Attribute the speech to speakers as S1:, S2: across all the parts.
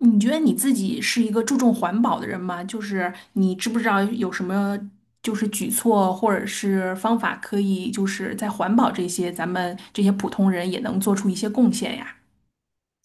S1: 你觉得你自己是一个注重环保的人吗？就是你知不知道有什么就是举措或者是方法可以就是在环保这些咱们这些普通人也能做出一些贡献呀？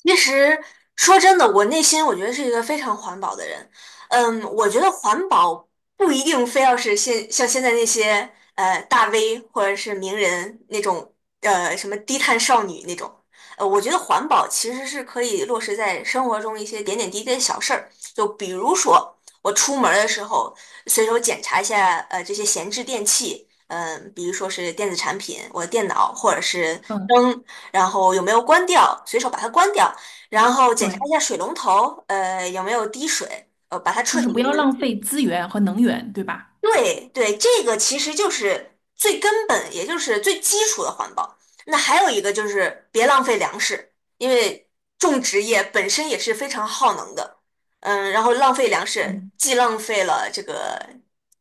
S2: 其实说真的，我内心觉得是一个非常环保的人。嗯，我觉得环保不一定非要是现在那些大 V 或者是名人那种什么低碳少女那种。我觉得环保其实是可以落实在生活中一些点点滴滴的小事儿，就比如说我出门儿的时候随手检查一下这些闲置电器，嗯、比如说是电子产品，我的电脑或者是
S1: 嗯，
S2: 灯。然后有没有关掉，随手把它关掉，然后检查
S1: 对，
S2: 一下水龙头，有没有滴水，把它
S1: 就
S2: 彻
S1: 是
S2: 底的
S1: 不要
S2: 拧
S1: 浪
S2: 紧。
S1: 费资源和能源，对吧？
S2: 对对，这个其实就是最根本，也就是最基础的环保。那还有一个就是别浪费粮食，因为种植业本身也是非常耗能的。嗯，然后浪费粮食，
S1: 嗯。
S2: 既浪费了这个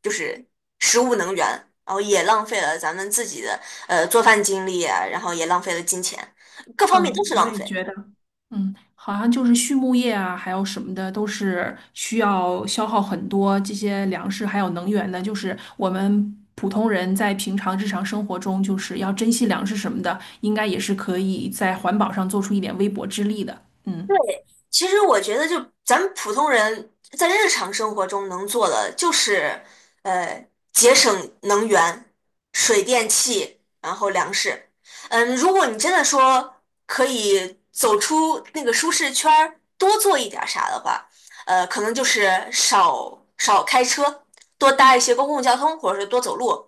S2: 就是食物能源，然后也浪费了咱们自己的做饭精力啊然后也浪费了金钱，各方面
S1: 嗯，
S2: 都是
S1: 我
S2: 浪
S1: 也
S2: 费。
S1: 觉得，嗯，好像就是畜牧业啊，还有什么的，都是需要消耗很多这些粮食还有能源的。就是我们普通人在平常日常生活中，就是要珍惜粮食什么的，应该也是可以在环保上做出一点微薄之力的。嗯。
S2: 其实我觉得，就咱们普通人在日常生活中能做的，就是呃节省能源、水电气，然后粮食。嗯，如果你真的说可以走出那个舒适圈儿，多做一点儿啥的话，可能就是少开车，多搭一些公共交通，或者是多走路。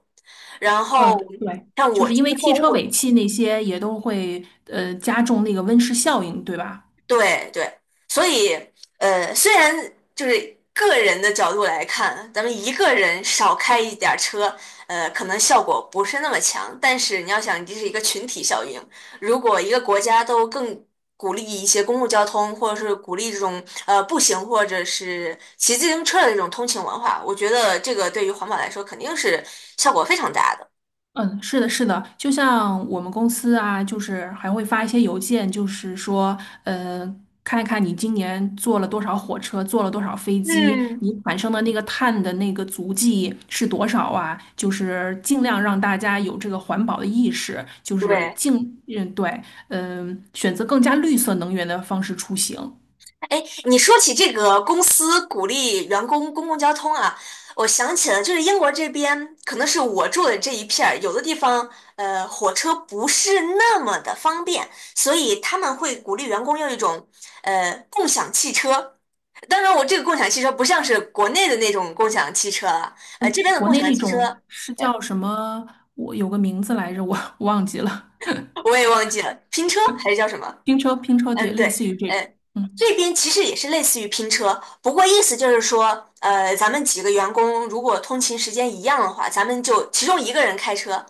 S2: 然后
S1: 嗯，对，
S2: 像
S1: 就
S2: 我
S1: 是因
S2: 出去
S1: 为
S2: 购
S1: 汽车
S2: 物，
S1: 尾气那些也都会加重那个温室效应，对吧？
S2: 对对，所以虽然就是个人的角度来看，咱们一个人少开一点儿车，可能效果不是那么强，但是你要想，这是一个群体效应。如果一个国家都更鼓励一些公共交通，或者是鼓励这种步行或者是骑自行车的这种通勤文化，我觉得这个对于环保来说肯定是效果非常大的。
S1: 嗯，是的，是的，就像我们公司啊，就是还会发一些邮件，就是说，嗯，看一看你今年坐了多少火车，坐了多少飞机，
S2: 嗯，
S1: 你产生的那个碳的那个足迹是多少啊？就是尽量让大家有这个环保的意识，就是
S2: 对，
S1: 尽，嗯，对，嗯，选择更加绿色能源的方式出行。
S2: 哎，你说起这个公司鼓励员工公共交通啊，我想起了，就是英国这边，可能是我住的这一片儿，有的地方火车不是那么的方便，所以他们会鼓励员工用一种共享汽车。当然，我这个共享汽车不像是国内的那种共享汽车了，这
S1: 嗯，
S2: 边的
S1: 国
S2: 共
S1: 内
S2: 享
S1: 那
S2: 汽车
S1: 种是
S2: 呃
S1: 叫什么？我有个名字来着，我 忘记了。
S2: 我也忘记了，拼车还是叫什么？
S1: 拼车，拼车，对，
S2: 嗯，
S1: 类
S2: 对，
S1: 似于这种。
S2: 嗯，
S1: 嗯。
S2: 这边其实也是类似于拼车，不过意思就是说，咱们几个员工如果通勤时间一样的话，咱们就其中一个人开车，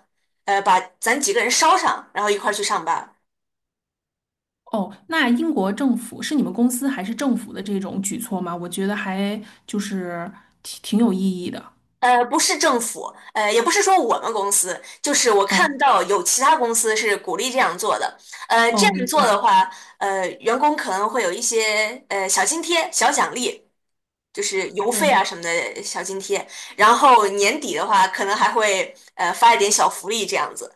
S2: 把咱几个人捎上，然后一块儿去上班
S1: 哦，那英国政府是你们公司还是政府的这种举措吗？我觉得还就是挺有意义的。
S2: 不是政府，也不是说我们公司，就是我看
S1: 哦
S2: 到有其他公司是鼓励这样做的。这
S1: 哦，
S2: 样
S1: 明
S2: 做的
S1: 白。
S2: 话，员工可能会有一些小津贴、小奖励。就是邮费
S1: 嗯，
S2: 啊什么的小津贴，然后年底的话，可能还会发一点小福利这样子。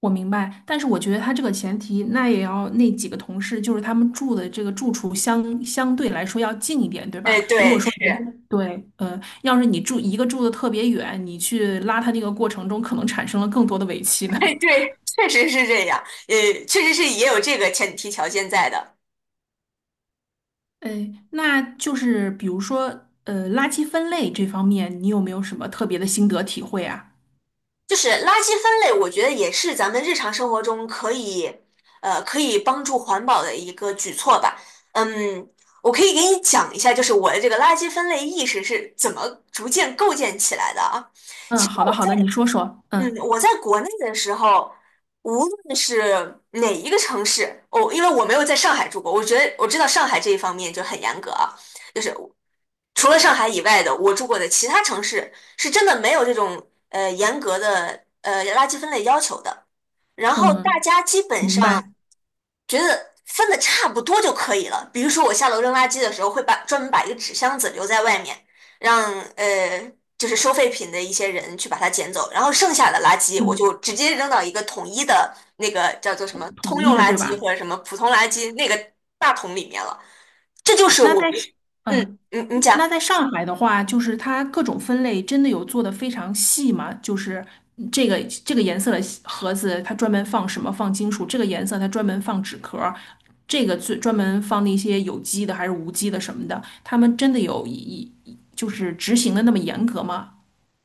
S1: 我明白。但是我觉得他这个前提，那也要那几个同事，就是他们住的这个住处相对来说要近一点，对吧？
S2: 哎，
S1: 如果
S2: 对，
S1: 说人家
S2: 是，
S1: 对，要是你住一个住的特别远，你去拉他那个过程中，可能产生了更多的尾气
S2: 哎，
S1: 呢。
S2: 对，确实是这样，确实是也有这个前提条件在的。
S1: 呃，那就是比如说，垃圾分类这方面，你有没有什么特别的心得体会啊？
S2: 就是垃圾分类，我觉得也是咱们日常生活中可以，可以帮助环保的一个举措吧。嗯，我可以给你讲一下，就是我的这个垃圾分类意识是怎么逐渐构建起来的啊。
S1: 嗯，好的，好的，你说说。
S2: 嗯，
S1: 嗯
S2: 我在国内的时候，无论是哪一个城市，因为我没有在上海住过，我觉得我知道上海这一方面就很严格啊，就是除了上海以外的，我住过的其他城市是真的没有这种严格的垃圾分类要求的。然后大
S1: 嗯，
S2: 家基本
S1: 明
S2: 上
S1: 白。
S2: 觉得分的差不多就可以了。比如说我下楼扔垃圾的时候，专门把一个纸箱子留在外面，让就是收废品的一些人去把它捡走，然后剩下的垃圾我
S1: 嗯，
S2: 就直接扔到一个统一的那个叫做什么
S1: 统
S2: 通
S1: 一
S2: 用
S1: 的，
S2: 垃
S1: 对
S2: 圾
S1: 吧？
S2: 或者什么普通垃圾那个大桶里面了。这就是
S1: 那
S2: 我，
S1: 在是
S2: 嗯，
S1: 嗯，
S2: 嗯，你讲。
S1: 那在上海的话，就是它各种分类真的有做的非常细吗？就是嗯这个这个颜色的盒子，它专门放什么？放金属。这个颜色它专门放纸壳儿，这个最专门放那些有机的还是无机的什么的。他们真的有就是执行的那么严格吗？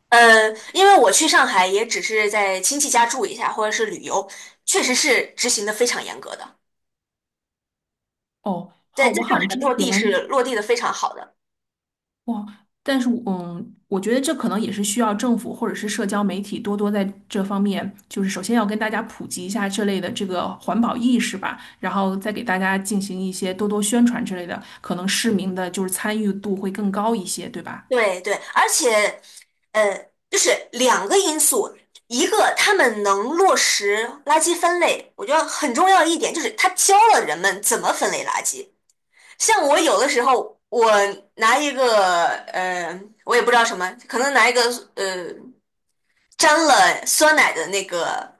S2: 因为我去上海也只是在亲戚家住一下，或者是旅游，确实是执行的非常严格的，
S1: 哦，好，
S2: 在
S1: 我
S2: 上
S1: 好像
S2: 海
S1: 之
S2: 落
S1: 前
S2: 地是落地的非常好的。
S1: 哇，但是我嗯，我觉得这可能也是需要政府或者是社交媒体多多在这方面，就是首先要跟大家普及一下这类的这个环保意识吧，然后再给大家进行一些多多宣传之类的，可能市民的就是参与度会更高一些，对吧？
S2: 对对，而且，就是两个因素，一个他们能落实垃圾分类，我觉得很重要一点就是他教了人们怎么分类垃圾。像我有的时候，我拿一个，呃，我也不知道什么，可能拿一个，呃，沾了酸奶的那个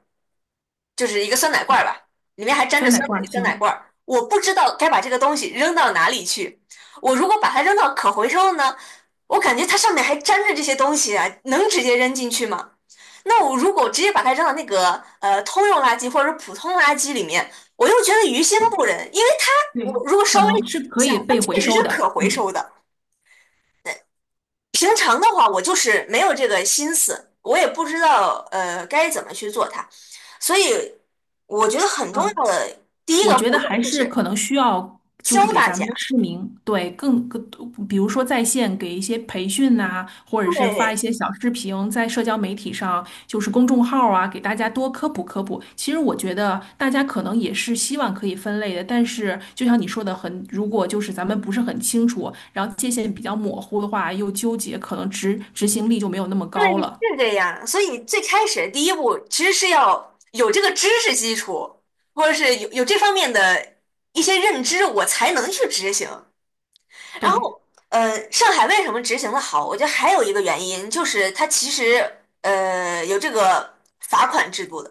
S2: 就是一个酸奶罐儿吧，里面还沾
S1: 酸
S2: 着
S1: 奶挂
S2: 酸奶
S1: 星，
S2: 罐儿。我不知道该把这个东西扔到哪里去。我如果把它扔到可回收的呢，我感觉它上面还粘着这些东西啊，能直接扔进去吗？那我如果直接把它扔到那个通用垃圾或者普通垃圾里面，我又觉得于心不忍，因为它我
S1: 对，
S2: 如果
S1: 可
S2: 稍微
S1: 能是
S2: 洗一
S1: 可
S2: 下，
S1: 以
S2: 它
S1: 被回
S2: 确实是
S1: 收的，
S2: 可回
S1: 嗯
S2: 收的。平常的话，我就是没有这个心思，我也不知道该怎么去做它，所以我觉得很重
S1: 嗯。
S2: 要的第一
S1: 我
S2: 个
S1: 觉
S2: 步
S1: 得
S2: 骤
S1: 还
S2: 就
S1: 是
S2: 是
S1: 可能需要，就是
S2: 教
S1: 给
S2: 大
S1: 咱们的
S2: 家。
S1: 市民，对，比如说在线给一些培训呐、或者是发一
S2: 对
S1: 些小视频在社交媒体上，就是公众号啊，给大家多科普科普。其实我觉得大家可能也是希望可以分类的，但是就像你说的很，如果就是咱们不是很清楚，然后界限比较模糊的话，又纠结，可能执行力就没有那么
S2: 对，
S1: 高了。
S2: 是这样。所以最开始第一步其实是要有这个知识基础，或者是有这方面的一些认知，我才能去执行。然
S1: 对。
S2: 后，上海为什么执行的好？我觉得还有一个原因就是它其实有这个罚款制度的。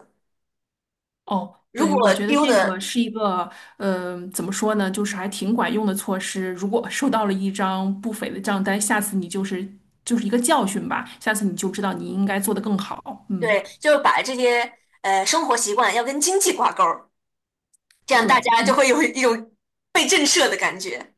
S1: 哦，
S2: 如
S1: 对，我
S2: 果
S1: 觉得
S2: 丢
S1: 这个
S2: 的，
S1: 是一个，嗯，怎么说呢，就是还挺管用的措施。如果收到了一张不菲的账单，下次你就是就是一个教训吧，下次你就知道你应该做得更好。嗯，
S2: 对，就是把这些生活习惯要跟经济挂钩儿，这样大
S1: 对，
S2: 家就
S1: 一
S2: 会有一种被震慑的感觉。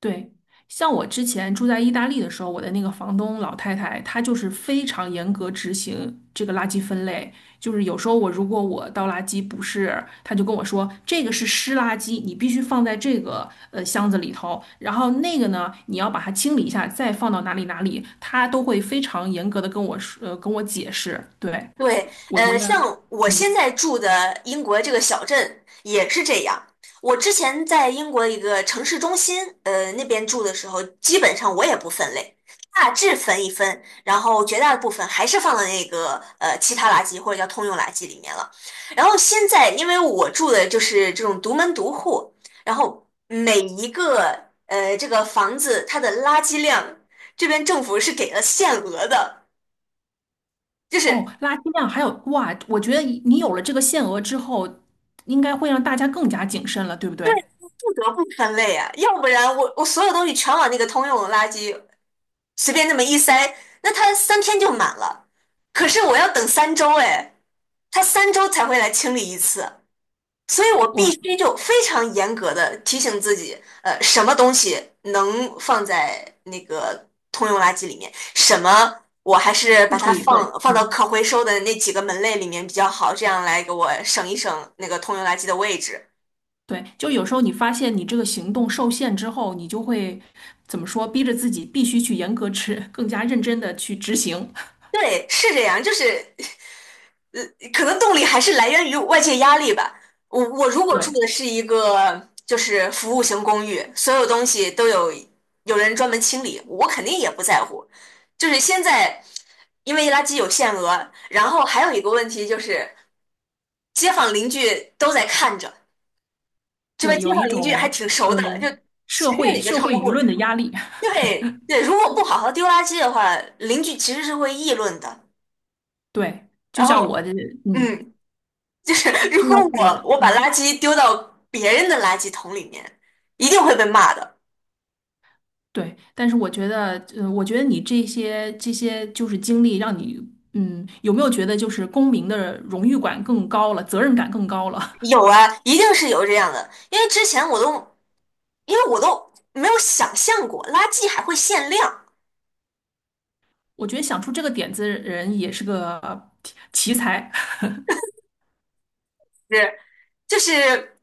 S1: 对，像我之前住在意大利的时候，我的那个房东老太太，她就是非常严格执行这个垃圾分类。就是有时候我如果我倒垃圾不是，她就跟我说这个是湿垃圾，你必须放在这个箱子里头，然后那个呢，你要把它清理一下，再放到哪里哪里，她都会非常严格的跟我说，跟我解释。对，
S2: 对，
S1: 我觉得。
S2: 像我
S1: 嗯，
S2: 现在住的英国这个小镇也是这样。我之前在英国一个城市中心，那边住的时候，基本上我也不分类，大致分一分，然后绝大部分还是放到那个其他垃圾或者叫通用垃圾里面了。然后现在，因为我住的就是这种独门独户，然后每一个这个房子它的垃圾量，这边政府是给了限额的。就
S1: 哦，
S2: 是
S1: 垃圾量还有哇，我觉得你有了这个限额之后，应该会让大家更加谨慎了，对不对？
S2: 不得不分类啊，要不然我所有东西全往那个通用的垃圾随便那么一塞，那它三天就满了。可是我要等三周，哎，它三周才会来清理一次，所以我必
S1: 我
S2: 须就非常严格的提醒自己，什么东西能放在那个通用垃圾里面，什么我还是把
S1: 不
S2: 它
S1: 可以问，
S2: 放到
S1: 嗯，
S2: 可回收的那几个门类里面比较好，这样来给我省一省那个通用垃圾的位置。
S1: 对，就有时候你发现你这个行动受限之后，你就会怎么说，逼着自己必须去严格执，更加认真的去执行。
S2: 对，是这样，就是呃，可能动力还是来源于外界压力吧。我如果住
S1: 对
S2: 的是一个就是服务型公寓，所有东西都有有人专门清理，我肯定也不在乎。就是现在，因为垃圾有限额，然后还有一个问题就是街坊邻居都在看着，这边
S1: 对，
S2: 街
S1: 有
S2: 坊
S1: 一
S2: 邻居还
S1: 种
S2: 挺熟的，就
S1: 呃社
S2: 随便
S1: 会
S2: 哪个
S1: 社
S2: 窗
S1: 会舆
S2: 户，
S1: 论的压力。
S2: 对对，如果不好好丢垃圾的话，邻居其实是会议论的。
S1: 对，就
S2: 然
S1: 像我
S2: 后，
S1: 的，嗯，
S2: 嗯，就是如
S1: 就
S2: 果
S1: 像我的，
S2: 我把
S1: 嗯，
S2: 垃圾丢到别人的垃圾桶里面，一定会被骂的。
S1: 对。但是我觉得，嗯，我觉得你这些就是经历，让你，嗯，有没有觉得就是公民的荣誉感更高了，责任感更高了？
S2: 有啊，一定是有这样的，因为之前我都因为我都没有想象过垃圾还会限量，
S1: 我觉得想出这个点子的人也是个奇才。
S2: 是就是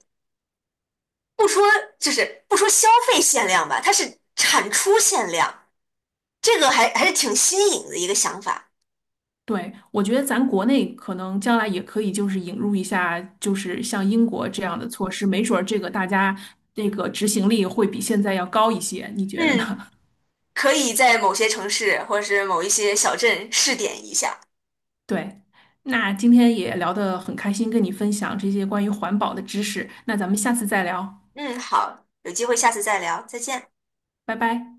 S2: 不说就是不说消费限量吧，它是产出限量，这个还是挺新颖的一个想法。
S1: 对，我觉得咱国内可能将来也可以，就是引入一下，就是像英国这样的措施，没准儿这个大家那个执行力会比现在要高一些，你觉得呢？
S2: 嗯，可以在某些城市或者是某一些小镇试点一下。
S1: 对，那今天也聊得很开心，跟你分享这些关于环保的知识，那咱们下次再聊，
S2: 嗯，好，有机会下次再聊，再见。
S1: 拜拜。